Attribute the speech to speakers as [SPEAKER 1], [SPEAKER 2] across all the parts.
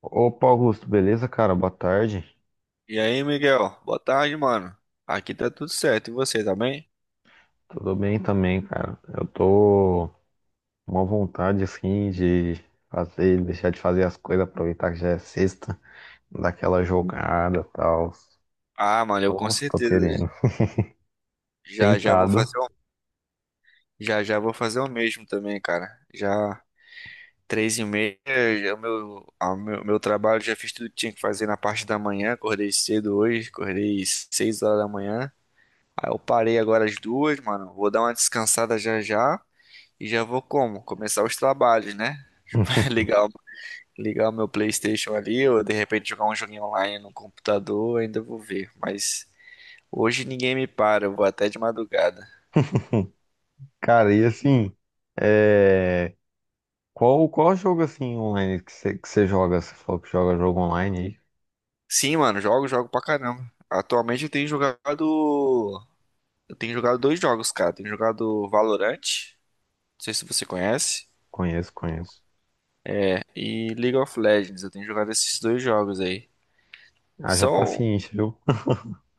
[SPEAKER 1] Opa, Augusto, beleza, cara? Boa tarde.
[SPEAKER 2] E aí, Miguel? Boa tarde, mano. Aqui tá tudo certo. E você, tá bem?
[SPEAKER 1] Tudo bem também, cara. Eu tô com uma vontade, assim, de fazer, deixar de fazer as coisas, aproveitar que já é sexta, daquela jogada e tal.
[SPEAKER 2] Ah, mano, eu com
[SPEAKER 1] Nossa, tô
[SPEAKER 2] certeza.
[SPEAKER 1] querendo.
[SPEAKER 2] Já já vou
[SPEAKER 1] Tentado.
[SPEAKER 2] fazer o... Já já vou fazer o mesmo também, cara. Já três e meia, já o meu, a meu, meu trabalho, já fiz tudo que tinha que fazer na parte da manhã. Acordei cedo hoje, acordei 6 horas da manhã. Aí eu parei agora às duas, mano. Vou dar uma descansada já já e já vou, como? Começar os trabalhos, né? Legal. Ligar o meu PlayStation ali, ou de repente jogar um joguinho online no computador, ainda vou ver. Mas hoje ninguém me para, eu vou até de madrugada.
[SPEAKER 1] Cara, e assim, é... qual jogo, assim, online que você joga? Você falou que joga jogo online aí.
[SPEAKER 2] Sim, mano, jogo, jogo pra caramba. Atualmente eu tenho jogado. Eu tenho jogado dois jogos, cara. Eu tenho jogado Valorant, não sei se você conhece,
[SPEAKER 1] Conheço, conheço.
[SPEAKER 2] e League of Legends. Eu tenho jogado esses dois jogos aí.
[SPEAKER 1] Haja
[SPEAKER 2] São.
[SPEAKER 1] paciência, viu?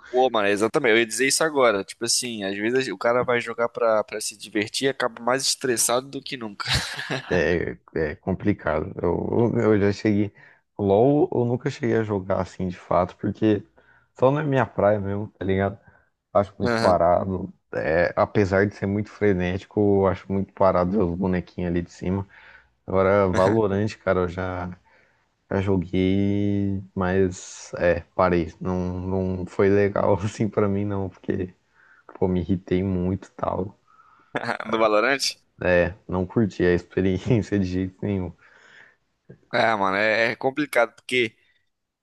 [SPEAKER 2] Pô, mano, exatamente, eu ia dizer isso agora. Tipo assim, às vezes o cara vai jogar pra se divertir e acaba mais estressado do que nunca.
[SPEAKER 1] É complicado. Eu já cheguei. LOL eu nunca cheguei a jogar assim de fato, porque só não é minha praia mesmo, tá ligado? Acho muito
[SPEAKER 2] Aham.
[SPEAKER 1] parado. É, apesar de ser muito frenético, eu acho muito parado ver os bonequinhos ali de cima. Agora, Valorant, cara, já joguei, mas é, parei. Não, não foi legal assim pra mim, não, porque pô, me irritei muito e tal.
[SPEAKER 2] No Valorant?
[SPEAKER 1] É, não curti a experiência de jeito nenhum.
[SPEAKER 2] É, mano, é complicado porque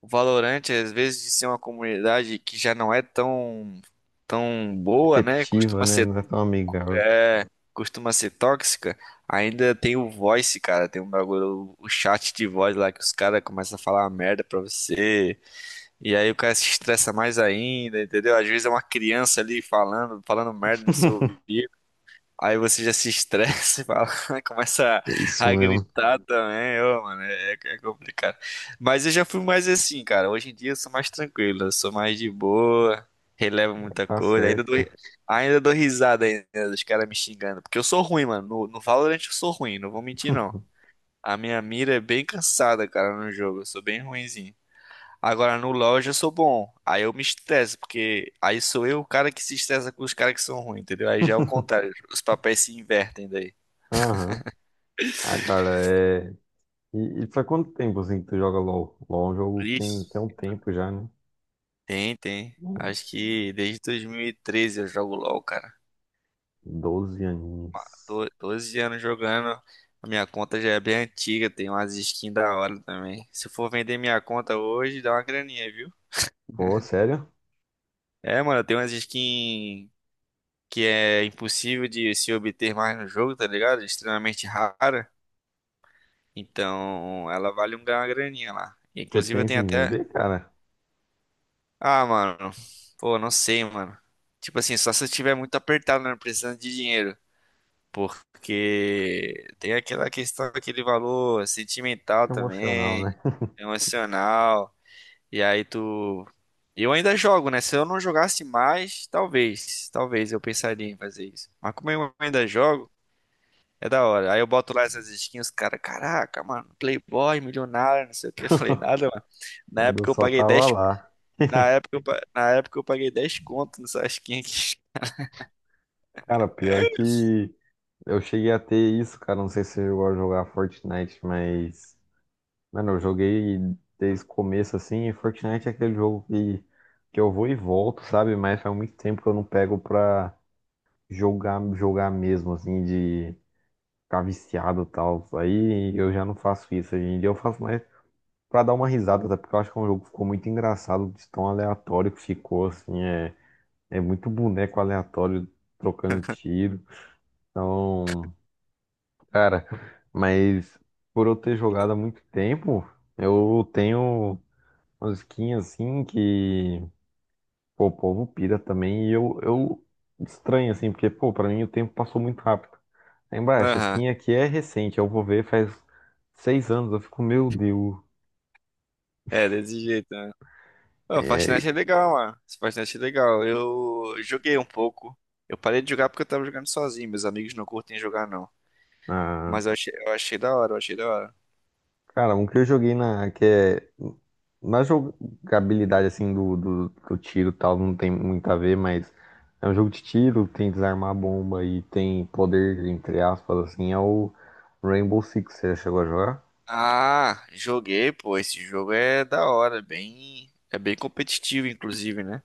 [SPEAKER 2] o Valorant, às vezes, de ser uma comunidade que já não é tão boa, né?
[SPEAKER 1] Receptiva,
[SPEAKER 2] Costuma
[SPEAKER 1] né?
[SPEAKER 2] ser,
[SPEAKER 1] Não é tão amigável.
[SPEAKER 2] é, costuma ser tóxica. Ainda tem o voice, cara. Tem um bagulho, o chat de voz lá, que os caras começam a falar uma merda pra você. E aí o cara se estressa mais ainda, entendeu? Às vezes é uma criança ali falando, falando merda no seu ouvido. Aí você já se estressa e fala, começa
[SPEAKER 1] É isso
[SPEAKER 2] a
[SPEAKER 1] mesmo.
[SPEAKER 2] gritar também. Ô, mano, é, é complicado. Mas eu já fui mais assim, cara. Hoje em dia eu sou mais tranquilo, eu sou mais de boa, relevo muita
[SPEAKER 1] Tá
[SPEAKER 2] coisa. Ainda
[SPEAKER 1] certo,
[SPEAKER 2] dou,
[SPEAKER 1] cara.
[SPEAKER 2] ainda dou risada ainda dos caras me xingando, porque eu sou ruim, mano. No Valorant eu sou ruim, não vou mentir não. A minha mira é bem cansada, cara, no jogo. Eu sou bem ruim. Agora no LoL eu já sou bom. Aí eu me estresso, porque aí sou eu o cara que se estressa com os caras que são ruins, entendeu? Aí já é o contrário, os papéis se invertem daí.
[SPEAKER 1] Aham. Ah, cara, é. E faz quanto tempo assim que tu joga LOL? LOL é um jogo que tem,
[SPEAKER 2] Isso.
[SPEAKER 1] tem um tempo já, né?
[SPEAKER 2] Tem, tem.
[SPEAKER 1] Hum,
[SPEAKER 2] Acho que desde 2013 eu jogo LoL, cara.
[SPEAKER 1] 12 aninhos.
[SPEAKER 2] Tô 12 anos jogando. A minha conta já é bem antiga, tem umas skins da hora também. Se eu for vender minha conta hoje, dá uma graninha, viu?
[SPEAKER 1] Pô, sério?
[SPEAKER 2] É, mano, tem umas skins que é impossível de se obter mais no jogo, tá ligado? Extremamente rara. Então, ela vale um- uma graninha lá.
[SPEAKER 1] Você
[SPEAKER 2] Inclusive, eu
[SPEAKER 1] pensa
[SPEAKER 2] tenho
[SPEAKER 1] em
[SPEAKER 2] até.
[SPEAKER 1] vender, cara?
[SPEAKER 2] Ah, mano. Pô, não sei, mano. Tipo assim, só se eu estiver muito apertado, né? Precisando de dinheiro. Porque tem aquela questão daquele valor sentimental
[SPEAKER 1] Que emocional,
[SPEAKER 2] também,
[SPEAKER 1] né?
[SPEAKER 2] emocional. E aí tu. Eu ainda jogo, né? Se eu não jogasse mais, talvez. Talvez eu pensaria em fazer isso. Mas como eu ainda jogo. É da hora. Aí eu boto lá essas skins, os cara, caraca, mano, Playboy, milionário, não sei o que. Eu falei, nada, mano. Na
[SPEAKER 1] Mas eu
[SPEAKER 2] época eu
[SPEAKER 1] só
[SPEAKER 2] paguei
[SPEAKER 1] tava
[SPEAKER 2] 10.
[SPEAKER 1] lá.
[SPEAKER 2] Na época eu paguei 10 conto nessa skin aqui.
[SPEAKER 1] Cara, pior que eu cheguei a ter isso, cara. Não sei se você chegou a jogar Fortnite, mas mano, eu joguei desde o começo assim, e Fortnite é aquele jogo que eu vou e volto, sabe? Mas faz muito tempo que eu não pego pra jogar mesmo, assim, de ficar viciado e tal. Aí eu já não faço isso hoje em dia, eu faço mais pra dar uma risada, até porque eu acho que é um jogo que ficou muito engraçado, de tão aleatório que ficou, assim, é muito boneco aleatório trocando tiro. Então, cara, mas por eu ter jogado há muito tempo, eu tenho musiquinha assim que, pô, o povo pira também. E eu estranho assim, porque, pô, pra mim o tempo passou muito rápido. Lembra, essa
[SPEAKER 2] Aham.
[SPEAKER 1] skin aqui é recente, eu vou ver faz seis anos. Eu fico, meu Deus.
[SPEAKER 2] É, desse jeito, né? Pô,
[SPEAKER 1] É,
[SPEAKER 2] Fortnite é legal, mano. Esse Fortnite é legal. Eu joguei um pouco. Eu parei de jogar porque eu tava jogando sozinho. Meus amigos não curtem jogar, não.
[SPEAKER 1] ah,
[SPEAKER 2] Mas eu achei da hora, eu achei da hora.
[SPEAKER 1] cara, um que eu joguei na, que é, na jogabilidade assim do tiro e tal, não tem muito a ver, mas é um jogo de tiro, tem desarmar a bomba e tem poder, entre aspas, assim, é o Rainbow Six. Você já chegou a jogar?
[SPEAKER 2] Ah, joguei, pô. Esse jogo é da hora, bem, é bem competitivo, inclusive, né?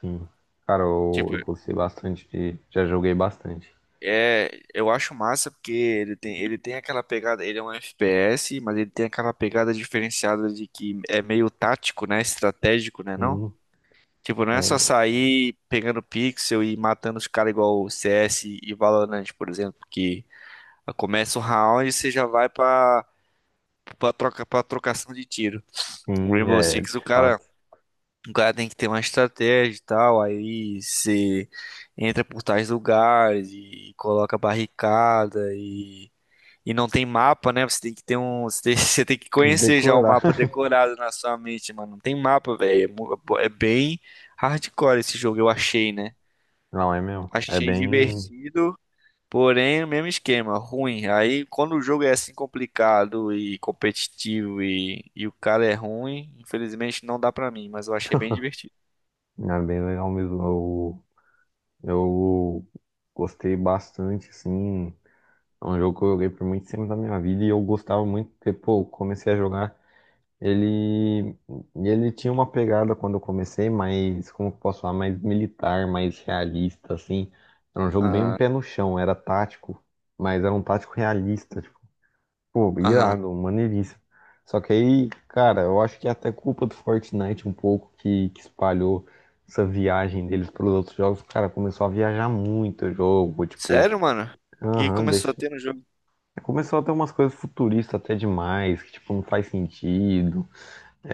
[SPEAKER 1] Sim. Cara, eu,
[SPEAKER 2] Tipo,
[SPEAKER 1] eu gostei bastante de. Já joguei bastante.
[SPEAKER 2] é, eu acho massa porque ele tem aquela pegada, ele é um FPS, mas ele tem aquela pegada diferenciada de que é meio tático, né? Estratégico, né, não?
[SPEAKER 1] Sim,
[SPEAKER 2] Tipo, não é só
[SPEAKER 1] é,
[SPEAKER 2] sair pegando pixel e matando os caras igual o CS e Valorant, por exemplo, que começa o round e você já vai pra troca, pra trocação de tiro. O
[SPEAKER 1] sim,
[SPEAKER 2] Rainbow.
[SPEAKER 1] é,
[SPEAKER 2] Six, o
[SPEAKER 1] de
[SPEAKER 2] cara,
[SPEAKER 1] fato.
[SPEAKER 2] o cara tem que ter uma estratégia e tal, aí você entra por tais lugares e coloca barricada. E não tem mapa, né? Você tem que ter um. Você tem, você tem que
[SPEAKER 1] Tem que
[SPEAKER 2] conhecer já o
[SPEAKER 1] decorar.
[SPEAKER 2] mapa decorado na sua mente, mano. Não tem mapa, velho. É, mu- é bem hardcore esse jogo, eu achei, né?
[SPEAKER 1] Não, é mesmo. É
[SPEAKER 2] Achei
[SPEAKER 1] bem.
[SPEAKER 2] divertido, porém, o mesmo esquema, ruim. Aí, quando o jogo é assim complicado e competitivo, e o cara é ruim, infelizmente não dá pra mim, mas eu achei bem divertido.
[SPEAKER 1] É bem legal mesmo. Eu gostei bastante, assim. É um jogo que eu joguei por muito tempo da minha vida e eu gostava muito, porque, pô, eu comecei a jogar. Ele, ele tinha uma pegada quando eu comecei, mais como eu posso falar, mais militar, mais realista, assim. Era um jogo bem
[SPEAKER 2] Ah,
[SPEAKER 1] pé no chão, era tático, mas era um tático realista, tipo, pô,
[SPEAKER 2] aham.
[SPEAKER 1] irado, maneiríssimo. Só que aí, cara, eu acho que é até culpa do Fortnite um pouco que espalhou essa viagem deles para os outros jogos. Cara, começou a viajar muito o jogo, tipo,
[SPEAKER 2] Sério, mano? O que
[SPEAKER 1] aham,
[SPEAKER 2] começou a
[SPEAKER 1] deixa.
[SPEAKER 2] ter no jogo?
[SPEAKER 1] Começou a ter umas coisas futuristas até demais, que, tipo, não faz sentido.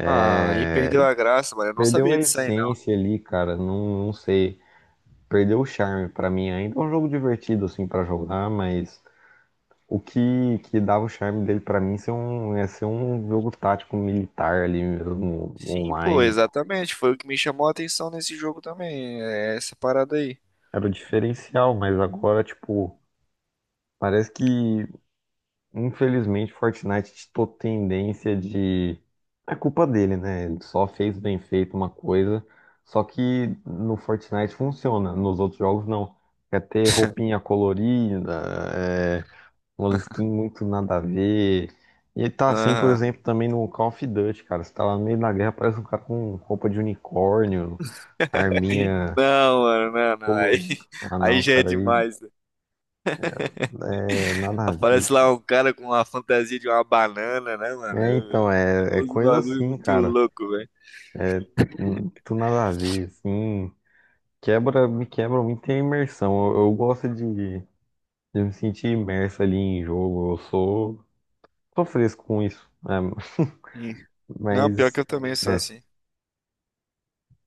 [SPEAKER 2] Ah, aí perdeu a graça, mano. Eu não
[SPEAKER 1] Perdeu a
[SPEAKER 2] sabia disso aí.
[SPEAKER 1] essência ali, cara. Não sei. Perdeu o charme pra mim. Ainda é um jogo divertido, assim, pra jogar, mas o que, que dava o charme dele pra mim ser um, é ser um jogo tático militar ali mesmo,
[SPEAKER 2] Sim, pô,
[SPEAKER 1] online.
[SPEAKER 2] exatamente. Foi o que me chamou a atenção nesse jogo também. É essa parada aí.
[SPEAKER 1] Era o diferencial, mas agora, tipo, parece que infelizmente, Fortnite tem tendência de. É culpa dele, né? Ele só fez bem feito uma coisa. Só que no Fortnite funciona, nos outros jogos não. Quer ter roupinha colorida, é... umas skins muito nada a ver. E tá assim, por
[SPEAKER 2] Aham.
[SPEAKER 1] exemplo, também no Call of Duty, cara. Você tá lá no meio da guerra, parece um cara com roupa de unicórnio, arminha
[SPEAKER 2] Não, mano, não, não. Aí,
[SPEAKER 1] colorida. Ah,
[SPEAKER 2] aí
[SPEAKER 1] não,
[SPEAKER 2] já é
[SPEAKER 1] cara, aí
[SPEAKER 2] demais, né?
[SPEAKER 1] é nada a ver,
[SPEAKER 2] Aparece lá
[SPEAKER 1] cara.
[SPEAKER 2] um cara com uma fantasia de uma banana, né, mano?
[SPEAKER 1] É, então, é
[SPEAKER 2] Os
[SPEAKER 1] coisa
[SPEAKER 2] bagulho
[SPEAKER 1] assim,
[SPEAKER 2] muito
[SPEAKER 1] cara.
[SPEAKER 2] louco, velho.
[SPEAKER 1] Muito nada a ver, assim, me quebra muito a imersão. Eu gosto de me sentir imerso ali em jogo, sou fresco com isso, né?
[SPEAKER 2] Sim. Não, pior que
[SPEAKER 1] Mas,
[SPEAKER 2] eu também sou
[SPEAKER 1] é,
[SPEAKER 2] assim.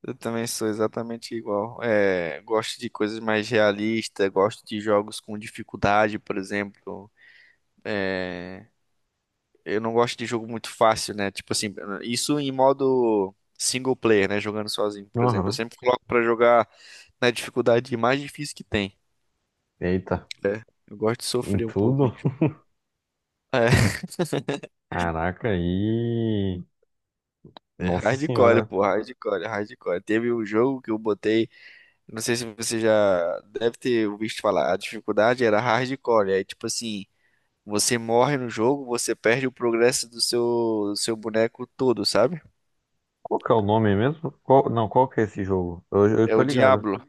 [SPEAKER 2] Eu também sou exatamente igual. É, gosto de coisas mais realistas, gosto de jogos com dificuldade, por exemplo. Eu não gosto de jogo muito fácil, né? Tipo assim, isso em modo single player, né? Jogando sozinho, por exemplo. Eu
[SPEAKER 1] aham,
[SPEAKER 2] sempre coloco pra jogar na dificuldade mais difícil que tem.
[SPEAKER 1] eita,
[SPEAKER 2] É, eu gosto de
[SPEAKER 1] em
[SPEAKER 2] sofrer um pouco em
[SPEAKER 1] tudo,
[SPEAKER 2] jogo. É,
[SPEAKER 1] caraca, aí
[SPEAKER 2] é
[SPEAKER 1] nossa
[SPEAKER 2] hardcore,
[SPEAKER 1] senhora,
[SPEAKER 2] pô, hardcore, hardcore. Teve um jogo que eu botei, não sei se você já deve ter visto falar, a dificuldade era hardcore. Aí, tipo assim, você morre no jogo, você perde o progresso do seu boneco todo, sabe?
[SPEAKER 1] qual que é o nome mesmo? Qual- não, qual que é esse jogo? Eu
[SPEAKER 2] É
[SPEAKER 1] tô
[SPEAKER 2] o
[SPEAKER 1] ligado.
[SPEAKER 2] Diablo.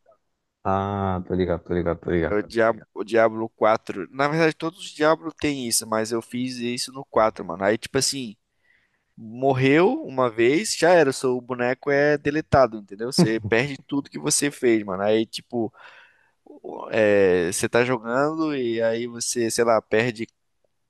[SPEAKER 1] Ah, tô ligado, tô ligado, tô
[SPEAKER 2] É
[SPEAKER 1] ligado.
[SPEAKER 2] o Diablo quatro. Na verdade, todos os Diablo têm isso, mas eu fiz isso no quatro, mano. Aí, tipo assim, morreu uma vez, já era. O seu boneco é deletado, entendeu? Você perde tudo que você fez, mano. Aí, tipo, é, você tá jogando e aí você, sei lá, perde,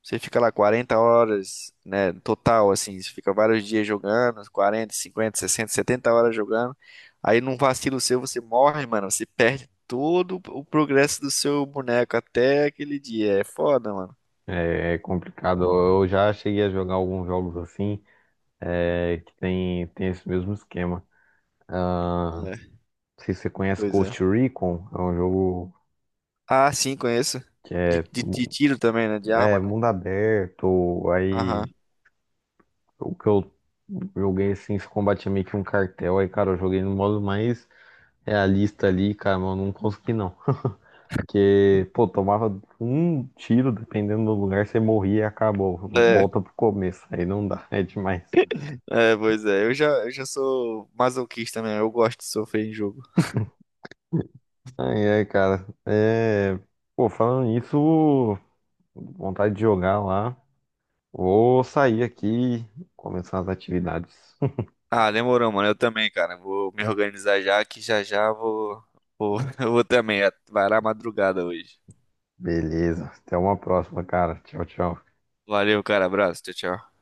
[SPEAKER 2] você fica lá 40 horas, né, total, assim, você fica vários dias jogando, 40, 50, 60, 70 horas jogando. Aí num vacilo seu você morre, mano, você perde todo o progresso do seu boneco até aquele dia. É foda, mano.
[SPEAKER 1] É complicado, eu já cheguei a jogar alguns jogos assim, é, que tem esse mesmo esquema. Ah,
[SPEAKER 2] É,
[SPEAKER 1] não sei se você conhece
[SPEAKER 2] pois é.
[SPEAKER 1] Ghost Recon, é um jogo
[SPEAKER 2] Ah, sim, conheço.
[SPEAKER 1] que
[SPEAKER 2] De,
[SPEAKER 1] é,
[SPEAKER 2] de, de
[SPEAKER 1] mu-
[SPEAKER 2] tiro também, né, de
[SPEAKER 1] é
[SPEAKER 2] arma, né?
[SPEAKER 1] mundo aberto.
[SPEAKER 2] Aham.
[SPEAKER 1] Aí o que eu joguei assim, esse combate é meio que um cartel. Aí, cara, eu joguei no modo mais realista ali, cara, mas eu não consegui não. Porque, pô, tomava um tiro, dependendo do lugar, você morria e acabou.
[SPEAKER 2] É,
[SPEAKER 1] Volta pro começo, aí não dá, é demais.
[SPEAKER 2] é, pois é. Eu já sou masoquista mesmo, eu gosto de sofrer em jogo.
[SPEAKER 1] Aí, é, cara, é. Pô, falando nisso, vontade de jogar lá. Vou sair aqui, começar as atividades.
[SPEAKER 2] Ah, demorou, mano. Eu também, cara. Vou me organizar já que já já vou, eu vou também. Vai lá madrugada hoje.
[SPEAKER 1] Beleza, até uma próxima, cara. Tchau, tchau.
[SPEAKER 2] Valeu, cara. Abraço. Tchau, tchau.